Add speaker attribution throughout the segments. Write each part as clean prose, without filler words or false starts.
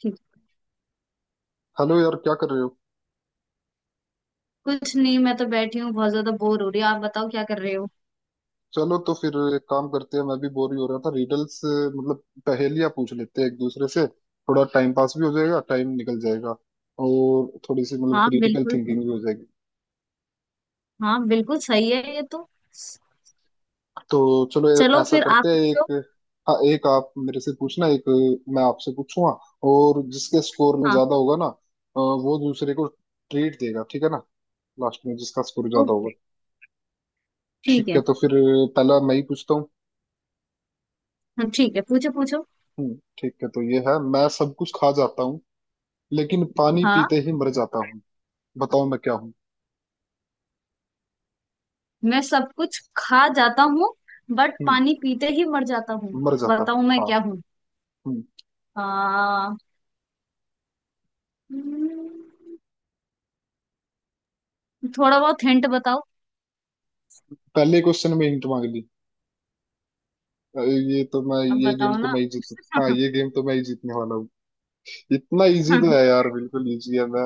Speaker 1: ठीक।
Speaker 2: हेलो यार, क्या कर रहे हो।
Speaker 1: कुछ नहीं, मैं तो बैठी हूँ, बहुत ज्यादा बोर हो रही हूँ। आप बताओ क्या कर रहे हो।
Speaker 2: चलो तो फिर एक काम करते हैं, मैं भी बोर ही हो रहा था। रिडल्स मतलब पहेलियां पूछ लेते हैं एक दूसरे से, थोड़ा टाइम पास भी हो जाएगा, टाइम निकल जाएगा। और थोड़ी सी मतलब
Speaker 1: हाँ
Speaker 2: क्रिटिकल
Speaker 1: बिल्कुल।
Speaker 2: थिंकिंग भी हो जाएगी।
Speaker 1: हाँ बिल्कुल सही है ये तो।
Speaker 2: तो चलो
Speaker 1: चलो
Speaker 2: ऐसा
Speaker 1: फिर आप
Speaker 2: करते हैं
Speaker 1: पूछो।
Speaker 2: एक। हाँ, एक आप मेरे से पूछना, एक मैं आपसे पूछूंगा। और जिसके स्कोर में
Speaker 1: हाँ।
Speaker 2: ज्यादा होगा ना वो दूसरे को ट्रीट देगा, ठीक है ना। लास्ट में जिसका स्कोर ज्यादा होगा।
Speaker 1: ओके। ठीक
Speaker 2: ठीक है,
Speaker 1: है।
Speaker 2: तो फिर पहला मैं ही पूछता हूँ।
Speaker 1: हाँ ठीक है, पूछो पूछो।
Speaker 2: ठीक है तो ये है। मैं सब कुछ खा जाता हूँ, लेकिन पानी
Speaker 1: हाँ।
Speaker 2: पीते ही मर जाता हूँ, बताओ मैं क्या हूँ।
Speaker 1: मैं सब कुछ खा जाता हूँ, बट
Speaker 2: हम्म।
Speaker 1: पानी पीते ही मर जाता हूँ।
Speaker 2: मर जाता हूँ,
Speaker 1: बताओ मैं
Speaker 2: हाँ।
Speaker 1: क्या हूँ।
Speaker 2: हम्म।
Speaker 1: आ, हम्म, थोड़ा बहुत हिंट बताओ।
Speaker 2: पहले क्वेश्चन में हिंट मांग ली। ये तो मैं,
Speaker 1: अब
Speaker 2: ये गेम
Speaker 1: बताओ
Speaker 2: तो
Speaker 1: ना।
Speaker 2: मैं ही जीतू। हाँ, ये गेम तो मैं ही जीतने वाला हूँ। इतना इजी तो
Speaker 1: क्या
Speaker 2: है यार, बिल्कुल इजी है मैं।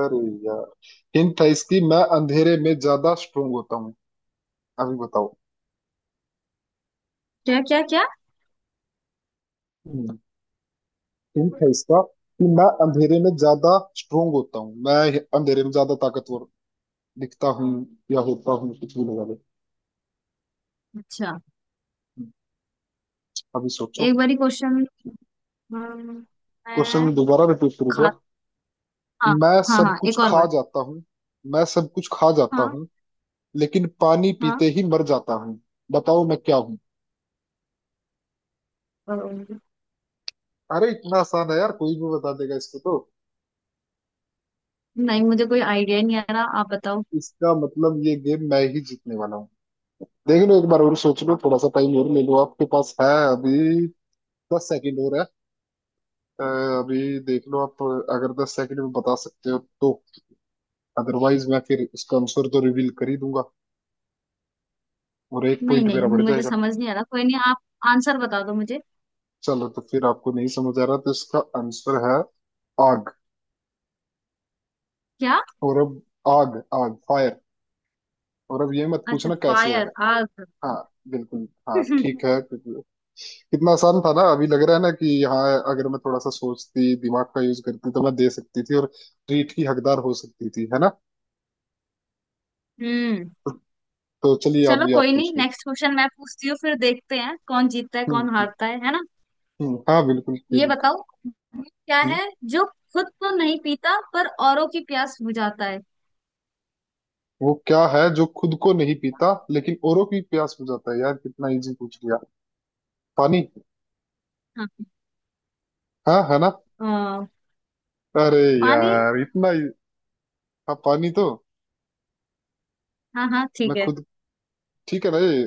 Speaker 2: अरे यार, हिंट है इसकी, मैं अंधेरे में ज्यादा स्ट्रोंग होता हूँ। अभी बताओ।
Speaker 1: क्या क्या
Speaker 2: हिंट है इसका कि मैं अंधेरे में ज्यादा स्ट्रोंग होता हूँ, मैं अंधेरे में ज्यादा ताकतवर दिखता हूँ या होता हूँ, कुछ भी लगा लो।
Speaker 1: अच्छा।
Speaker 2: हम्म, अभी सोचो।
Speaker 1: एक बारी क्वेश्चन। मैं
Speaker 2: क्वेश्चन दोबारा रिपीट करूंगा।
Speaker 1: खाता। हाँ।
Speaker 2: मैं
Speaker 1: हाँ
Speaker 2: सब
Speaker 1: हाँ,
Speaker 2: कुछ
Speaker 1: एक और
Speaker 2: खा
Speaker 1: बार।
Speaker 2: जाता हूँ, मैं सब कुछ खा जाता
Speaker 1: हाँ।
Speaker 2: हूँ लेकिन पानी पीते
Speaker 1: हाँ।
Speaker 2: ही मर जाता हूँ, बताओ मैं क्या हूँ।
Speaker 1: अम,
Speaker 2: अरे, इतना आसान है यार, कोई भी बता देगा इसको तो।
Speaker 1: नहीं मुझे कोई आइडिया नहीं आ रहा, आप बताओ।
Speaker 2: इसका मतलब ये गेम मैं ही जीतने वाला हूँ। देख लो एक बार और सोच लो, थोड़ा सा टाइम और ले लो, आपके पास है अभी, 10 सेकंड और है। अ, अभी देख लो आप, अगर 10 सेकंड में बता सकते हो तो। अदरवाइज मैं फिर इसका आंसर तो रिवील कर ही दूंगा, और एक
Speaker 1: नहीं
Speaker 2: पॉइंट
Speaker 1: नहीं,
Speaker 2: मेरा बढ़
Speaker 1: मुझे
Speaker 2: जाएगा।
Speaker 1: समझ नहीं आ रहा, कोई नहीं, आप आंसर बता दो मुझे।
Speaker 2: चलो तो फिर आपको नहीं समझ आ रहा तो इसका आंसर है आग।
Speaker 1: क्या।
Speaker 2: और अब आग, आग फायर, और अब ये मत
Speaker 1: अच्छा
Speaker 2: पूछना कैसे है।
Speaker 1: फायर आग।
Speaker 2: हाँ, बिल्कुल, हाँ ठीक है बिल्कुल। कितना आसान था ना, अभी लग रहा है ना कि हाँ, अगर मैं थोड़ा सा सोचती, दिमाग का यूज करती, तो मैं दे सकती थी और ट्रीट की हकदार हो सकती थी, है ना।
Speaker 1: हम्म।
Speaker 2: तो चलिए, आप
Speaker 1: चलो
Speaker 2: भी आप
Speaker 1: कोई
Speaker 2: पूछ
Speaker 1: नहीं,
Speaker 2: लो।
Speaker 1: नेक्स्ट क्वेश्चन मैं पूछती हूँ, फिर देखते हैं कौन जीतता है कौन
Speaker 2: हम्म।
Speaker 1: हारता है ना।
Speaker 2: हाँ बिल्कुल, क्यों
Speaker 1: ये
Speaker 2: नहीं।
Speaker 1: बताओ, वो क्या
Speaker 2: हम्म,
Speaker 1: है जो खुद तो नहीं पीता पर औरों की प्यास बुझाता है।
Speaker 2: वो क्या है जो खुद को नहीं पीता लेकिन औरों की प्यास बुझाता है, यार कितना इजी पूछ लिया। पानी।
Speaker 1: हाँ।
Speaker 2: हाँ, है ना।
Speaker 1: अ,
Speaker 2: अरे
Speaker 1: पानी।
Speaker 2: यार। हाँ, पानी तो
Speaker 1: हाँ हाँ
Speaker 2: मैं
Speaker 1: ठीक है।
Speaker 2: खुद ठीक है ना, ये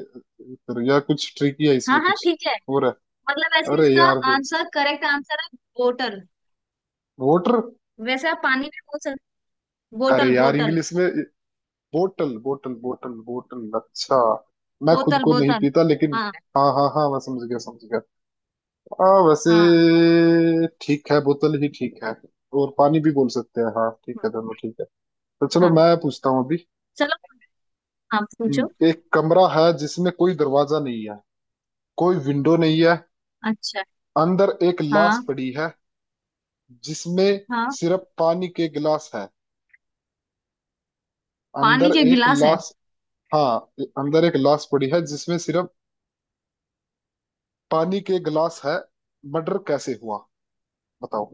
Speaker 2: फिर, या कुछ ट्रिकी है
Speaker 1: हाँ
Speaker 2: इसमें
Speaker 1: हाँ
Speaker 2: कुछ
Speaker 1: ठीक है।
Speaker 2: और है।
Speaker 1: मतलब ऐसे
Speaker 2: अरे
Speaker 1: इसका
Speaker 2: यार फिर,
Speaker 1: आंसर, करेक्ट आंसर है वाटर।
Speaker 2: वोटर।
Speaker 1: वैसे आप पानी में बोल सकते,
Speaker 2: अरे
Speaker 1: बोतल
Speaker 2: यार
Speaker 1: बोतल
Speaker 2: इंग्लिश में, बोटल बोटल बोटल बोटल, अच्छा। मैं खुद
Speaker 1: बोतल
Speaker 2: को नहीं
Speaker 1: बोतल
Speaker 2: पीता लेकिन,
Speaker 1: हाँ
Speaker 2: हाँ हाँ हाँ, मैं समझ गया समझ गया। हाँ वैसे
Speaker 1: हाँ
Speaker 2: ठीक है, बोतल ही ठीक है, और पानी भी बोल सकते हैं, हाँ ठीक
Speaker 1: हाँ।
Speaker 2: है, दोनों ठीक है। तो चलो
Speaker 1: हाँ।
Speaker 2: मैं पूछता हूँ अभी।
Speaker 1: चलो, आप पूछो।
Speaker 2: एक कमरा है जिसमें कोई दरवाजा नहीं है, कोई विंडो नहीं है,
Speaker 1: अच्छा।
Speaker 2: अंदर एक लाश
Speaker 1: हाँ।
Speaker 2: पड़ी है जिसमें
Speaker 1: हाँ,
Speaker 2: सिर्फ पानी के गिलास है।
Speaker 1: पानी
Speaker 2: अंदर
Speaker 1: के
Speaker 2: एक
Speaker 1: गिलास है।
Speaker 2: लाश, हाँ, अंदर एक लाश पड़ी है जिसमें सिर्फ पानी के गिलास है। मर्डर कैसे हुआ, बताओ।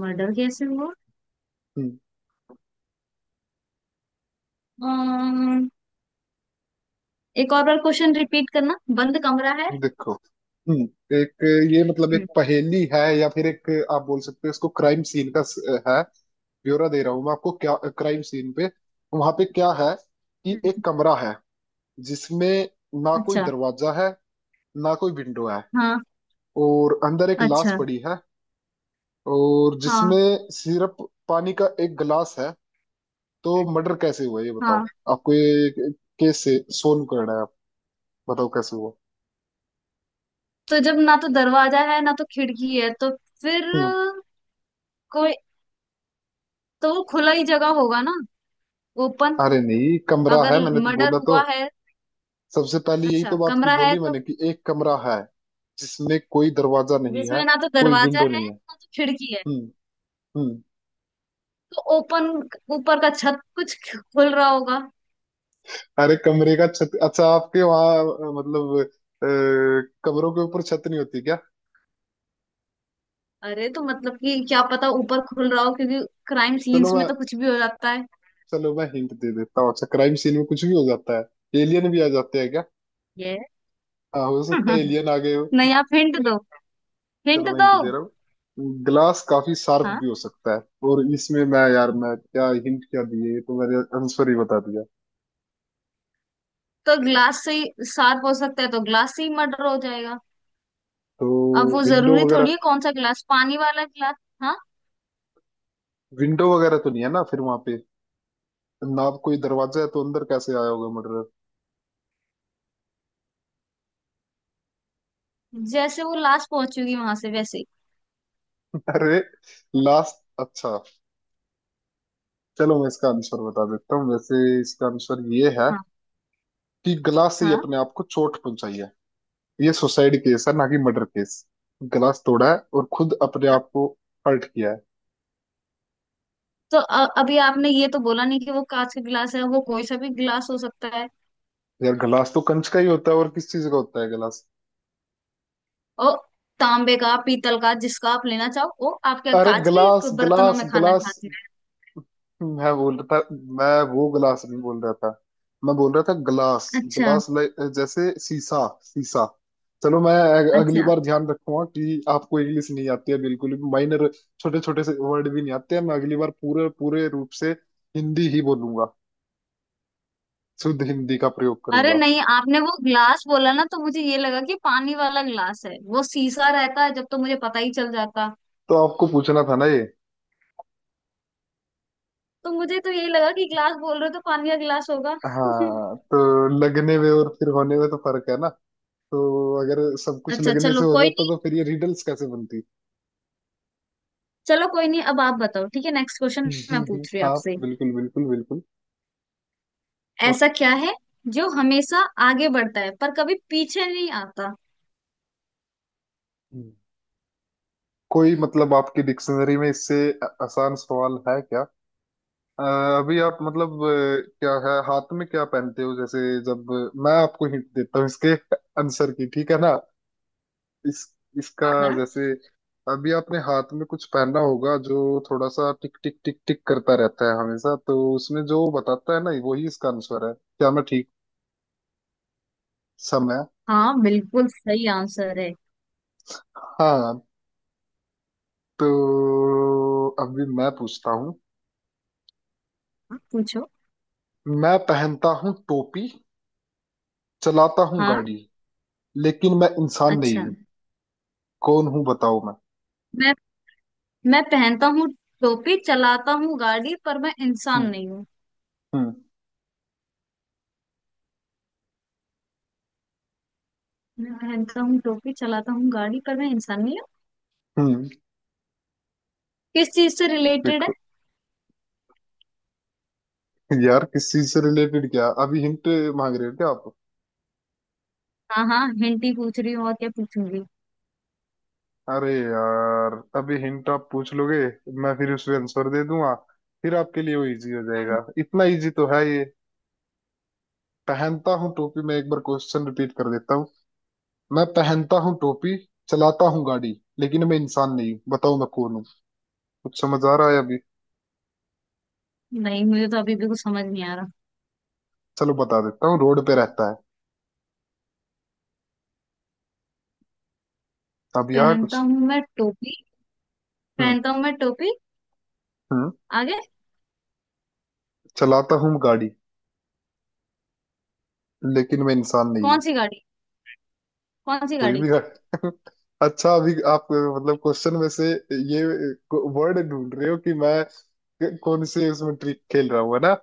Speaker 1: मर्डर कैसे हुआ।
Speaker 2: हम्म।
Speaker 1: अम्म, एक और बार क्वेश्चन रिपीट करना, बंद कमरा है।
Speaker 2: देखो। हम्म। एक, ये मतलब एक
Speaker 1: हम्म।
Speaker 2: पहेली है या फिर एक आप बोल सकते हो इसको, क्राइम सीन का है, ब्यौरा दे रहा हूँ मैं आपको क्या क्राइम सीन पे, वहां पे क्या है, कि एक कमरा है जिसमें ना कोई
Speaker 1: अच्छा।
Speaker 2: दरवाजा है, ना कोई विंडो है,
Speaker 1: हाँ।
Speaker 2: और अंदर एक लाश
Speaker 1: अच्छा।
Speaker 2: पड़ी है, और
Speaker 1: हाँ।
Speaker 2: जिसमें सिर्फ पानी का एक गिलास है। तो मर्डर कैसे हुआ ये
Speaker 1: हाँ,
Speaker 2: बताओ। आपको ये केस से सोल्व करना है, आप बताओ कैसे हुआ।
Speaker 1: तो जब ना तो दरवाजा है ना तो खिड़की है, तो फिर
Speaker 2: हम्म,
Speaker 1: कोई, तो वो खुला ही जगह होगा ना, ओपन।
Speaker 2: अरे नहीं, कमरा
Speaker 1: अगर
Speaker 2: है मैंने तो
Speaker 1: मर्डर
Speaker 2: बोला तो,
Speaker 1: हुआ है।
Speaker 2: सबसे पहले यही
Speaker 1: अच्छा,
Speaker 2: तो बात की,
Speaker 1: कमरा है
Speaker 2: बोली
Speaker 1: तो
Speaker 2: मैंने कि एक कमरा है जिसमें कोई दरवाजा नहीं है,
Speaker 1: जिसमें ना तो
Speaker 2: कोई
Speaker 1: दरवाजा
Speaker 2: विंडो
Speaker 1: है
Speaker 2: नहीं है।
Speaker 1: ना तो खिड़की है,
Speaker 2: हम्म हम्म।
Speaker 1: तो ओपन ऊपर का छत कुछ खुल रहा होगा।
Speaker 2: अरे कमरे का छत, अच्छा, आपके वहाँ मतलब कमरों के ऊपर छत नहीं होती क्या।
Speaker 1: अरे, तो मतलब कि क्या पता ऊपर खुल रहा हो, क्योंकि क्राइम
Speaker 2: चलो
Speaker 1: सीन्स
Speaker 2: मैं,
Speaker 1: में तो कुछ भी हो जाता है।
Speaker 2: चलो मैं हिंट दे देता हूँ। अच्छा क्राइम सीन में कुछ भी हो जाता है, एलियन भी आ जाते हैं क्या।
Speaker 1: ये
Speaker 2: हाँ, हो सकता है एलियन आ गए।
Speaker 1: नहीं, आप हिंट दो, हिंट
Speaker 2: चलो मैं
Speaker 1: दो।
Speaker 2: हिंट दे रहा हूँ, ग्लास काफी शार्प
Speaker 1: हाँ
Speaker 2: भी हो सकता है, और इसमें मैं, यार मैं क्या हिंट क्या दिए, ये तो मैंने आंसर ही बता दिया।
Speaker 1: तो ग्लास से ही सार्प हो सकता है, तो ग्लास से ही मर्डर हो जाएगा। अब वो
Speaker 2: तो विंडो
Speaker 1: जरूरी
Speaker 2: वगैरह,
Speaker 1: थोड़ी है कौन सा ग्लास, पानी वाला ग्लास। हाँ,
Speaker 2: विंडो वगैरह तो नहीं है ना फिर वहां पे, ना कोई दरवाजा है तो अंदर कैसे आया होगा मर्डर।
Speaker 1: जैसे वो लास्ट पहुंचेगी वहां से वैसे ही।
Speaker 2: अरे, लास्ट, अच्छा, चलो मैं इसका आंसर बता देता हूँ, वैसे इसका आंसर ये है
Speaker 1: हाँ।
Speaker 2: कि ग्लास से ही
Speaker 1: हाँ,
Speaker 2: अपने आप को चोट पहुंचाई है। ये सुसाइड केस है ना कि मर्डर केस। ग्लास तोड़ा है और खुद अपने आप को हर्ट किया है।
Speaker 1: तो अभी आपने ये तो बोला नहीं कि वो कांच का गिलास है, वो कोई सा भी गिलास हो सकता है।
Speaker 2: यार गिलास तो कंच का ही होता है, और किस चीज का होता है गिलास।
Speaker 1: और तांबे का, पीतल का, जिसका आप लेना चाहो, वो आपके
Speaker 2: अरे
Speaker 1: कांच
Speaker 2: गिलास
Speaker 1: के बर्तनों
Speaker 2: गिलास
Speaker 1: में खाना
Speaker 2: गिलास,
Speaker 1: खाते हैं।
Speaker 2: मैं बोल रहा था, मैं वो गिलास नहीं बोल रहा था, मैं बोल रहा था गिलास,
Speaker 1: अच्छा।
Speaker 2: गिलास लाइक जैसे शीशा, शीशा। चलो मैं अगली
Speaker 1: अच्छा।
Speaker 2: बार ध्यान रखूंगा कि आपको इंग्लिश नहीं आती है बिल्कुल भी, माइनर छोटे छोटे से वर्ड भी नहीं आते हैं। मैं अगली बार पूरे पूरे रूप से हिंदी ही बोलूंगा, शुद्ध हिंदी का प्रयोग
Speaker 1: अरे
Speaker 2: करूंगा।
Speaker 1: नहीं, आपने वो ग्लास बोला ना, तो मुझे ये लगा कि पानी वाला ग्लास है, वो शीशा रहता है जब, तो मुझे पता ही चल जाता।
Speaker 2: तो आपको पूछना था ना ये।
Speaker 1: तो मुझे तो यही लगा कि ग्लास बोल रहे हो, तो पानी का ग्लास होगा।
Speaker 2: हाँ, तो लगने में और फिर होने में तो फर्क है ना, तो अगर सब कुछ
Speaker 1: अच्छा
Speaker 2: लगने
Speaker 1: चलो
Speaker 2: से हो
Speaker 1: कोई
Speaker 2: जाता
Speaker 1: नहीं।
Speaker 2: तो फिर ये रिडल्स कैसे बनती।
Speaker 1: चलो कोई नहीं, अब आप बताओ, ठीक है, नेक्स्ट क्वेश्चन मैं पूछ रही हूँ
Speaker 2: हाँ
Speaker 1: आपसे।
Speaker 2: बिल्कुल बिल्कुल बिल्कुल। और
Speaker 1: ऐसा क्या है जो हमेशा आगे बढ़ता है पर कभी पीछे नहीं आता।
Speaker 2: हम्म। कोई मतलब आपकी डिक्शनरी में इससे आसान सवाल है क्या। अ, अभी आप मतलब क्या है हाथ में क्या पहनते हो, जैसे, जब मैं आपको हिंट देता हूँ इसके आंसर की, ठीक है ना, इस, इसका,
Speaker 1: हाँ। हाँ
Speaker 2: जैसे अभी आपने हाथ में कुछ पहना होगा जो थोड़ा सा टिक टिक टिक टिक करता रहता है हमेशा, तो उसमें जो बताता है ना वही इसका आंसर है। क्या मैं ठीक, समय।
Speaker 1: हाँ बिल्कुल सही आंसर है।
Speaker 2: हाँ, तो अभी मैं पूछता हूँ।
Speaker 1: हाँ, पूछो।
Speaker 2: मैं पहनता हूँ टोपी, चलाता हूँ
Speaker 1: हाँ।
Speaker 2: गाड़ी, लेकिन मैं इंसान
Speaker 1: अच्छा।
Speaker 2: नहीं हूँ, कौन हूँ बताओ मैं।
Speaker 1: मैं मैं पहनता हूँ टोपी, चलाता हूँ गाड़ी, पर मैं इंसान
Speaker 2: हम्म
Speaker 1: नहीं हूँ।
Speaker 2: हम्म।
Speaker 1: मैं पहनता हूँ टोपी, चलाता हूँ गाड़ी, पर मैं इंसान नहीं हूँ।
Speaker 2: हम्म,
Speaker 1: किस चीज से रिलेटेड है।
Speaker 2: देखो, यार किस चीज से रिलेटेड, क्या अभी हिंट मांग रहे हो क्या आप।
Speaker 1: हाँ हाँ, हिंट ही पूछ रही हूँ, और क्या पूछूंगी।
Speaker 2: अरे यार अभी हिंट आप पूछ लोगे, मैं फिर उसमें आंसर दे दूंगा, फिर आपके लिए वो इजी हो
Speaker 1: हम्म,
Speaker 2: जाएगा, इतना इजी तो है ये। पहनता हूँ टोपी, मैं एक बार क्वेश्चन रिपीट कर देता हूँ। मैं पहनता हूँ टोपी, चलाता हूँ गाड़ी, लेकिन मैं इंसान नहीं हूँ, बताओ मैं कौन हूँ। कुछ समझ आ रहा है अभी।
Speaker 1: नहीं, मुझे तो अभी भी कुछ समझ नहीं आ रहा।
Speaker 2: चलो बता देता हूँ, रोड पे रहता है। अभी आ कुछ।
Speaker 1: पहनता हूँ मैं टोपी,
Speaker 2: हम्म
Speaker 1: पहनता हूँ मैं टोपी।
Speaker 2: हम्म।
Speaker 1: आगे।
Speaker 2: चलाता हूँ गाड़ी, लेकिन मैं इंसान नहीं
Speaker 1: कौन
Speaker 2: हूँ।
Speaker 1: सी गाड़ी, कौन सी
Speaker 2: कोई
Speaker 1: गाड़ी।
Speaker 2: भी गाड़ी अच्छा, अभी आप मतलब क्वेश्चन में से ये वर्ड ढूंढ रहे हो कि मैं कौन से उसमें ट्रिक खेल रहा हूँ, है ना।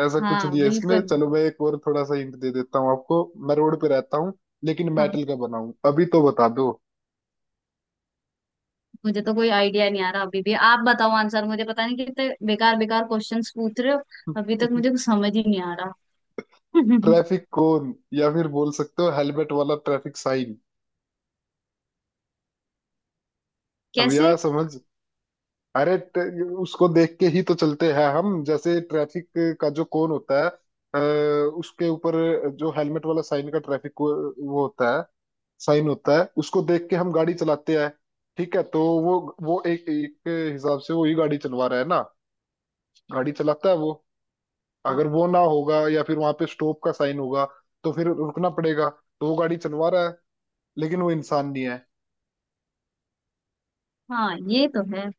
Speaker 2: ऐसा कुछ
Speaker 1: हाँ
Speaker 2: नहीं है इसमें।
Speaker 1: बिल्कुल।
Speaker 2: चलो मैं एक और थोड़ा सा हिंट दे देता हूँ आपको, मैं रोड पे रहता हूँ लेकिन
Speaker 1: हाँ,
Speaker 2: मेटल का बना हूँ, अभी तो बता दो।
Speaker 1: मुझे तो कोई आइडिया नहीं आ रहा अभी भी, आप बताओ आंसर, मुझे पता नहीं कितने बेकार बेकार क्वेश्चंस पूछ रहे हो। अभी तक मुझे कुछ समझ ही नहीं आ रहा।
Speaker 2: ट्रैफिक कोन, या फिर बोल सकते हो हेलमेट वाला ट्रैफिक साइन। अब
Speaker 1: कैसे।
Speaker 2: यह समझ, अरे, उसको देख के ही तो चलते हैं हम, जैसे ट्रैफिक का जो कोन होता है, अ, उसके ऊपर जो हेलमेट वाला साइन का वो होता है, साइन होता है, उसको देख के हम गाड़ी चलाते हैं। ठीक है, तो वो एक एक हिसाब से वो ही गाड़ी चलवा रहा है ना, गाड़ी चलाता है वो।
Speaker 1: हाँ।
Speaker 2: अगर वो ना होगा या फिर वहां पे स्टॉप का साइन होगा, तो फिर रुकना पड़ेगा, तो वो गाड़ी चलवा रहा है, लेकिन वो इंसान नहीं
Speaker 1: हाँ, ये तो है।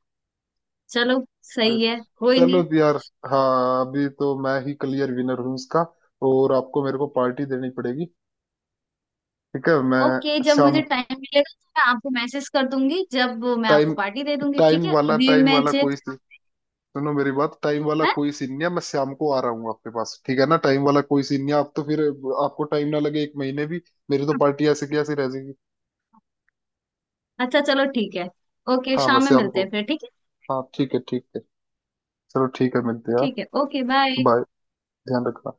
Speaker 1: चलो
Speaker 2: है।
Speaker 1: सही है, कोई
Speaker 2: चलो
Speaker 1: नहीं।
Speaker 2: भी यार, हाँ अभी तो मैं ही क्लियर विनर हूँ इसका, और आपको मेरे को पार्टी देनी पड़ेगी। ठीक है,
Speaker 1: ओके,
Speaker 2: मैं
Speaker 1: जब
Speaker 2: शाम,
Speaker 1: मुझे टाइम मिलेगा तो मैं आपको मैसेज कर दूंगी, जब मैं आपको
Speaker 2: टाइम,
Speaker 1: पार्टी दे दूंगी, ठीक है, अभी
Speaker 2: टाइम
Speaker 1: मैं
Speaker 2: वाला
Speaker 1: चेक।
Speaker 2: सुनो मेरी बात, टाइम वाला
Speaker 1: है।
Speaker 2: कोई सीन नहीं है, मैं शाम को आ रहा हूँ आपके पास। ठीक है ना, टाइम वाला कोई सीन नहीं है, आप तो फिर, आपको टाइम ना लगे एक महीने भी, मेरी तो पार्टी ऐसे की ऐसी रह जाएगी।
Speaker 1: अच्छा चलो ठीक है। ओके,
Speaker 2: हाँ, मैं
Speaker 1: शाम में
Speaker 2: शाम
Speaker 1: मिलते
Speaker 2: को,
Speaker 1: हैं फिर, ठीक है।
Speaker 2: हाँ ठीक है ठीक है, चलो ठीक है मिलते हैं।
Speaker 1: ठीक है, ओके बाय।
Speaker 2: बाय, ध्यान रखना।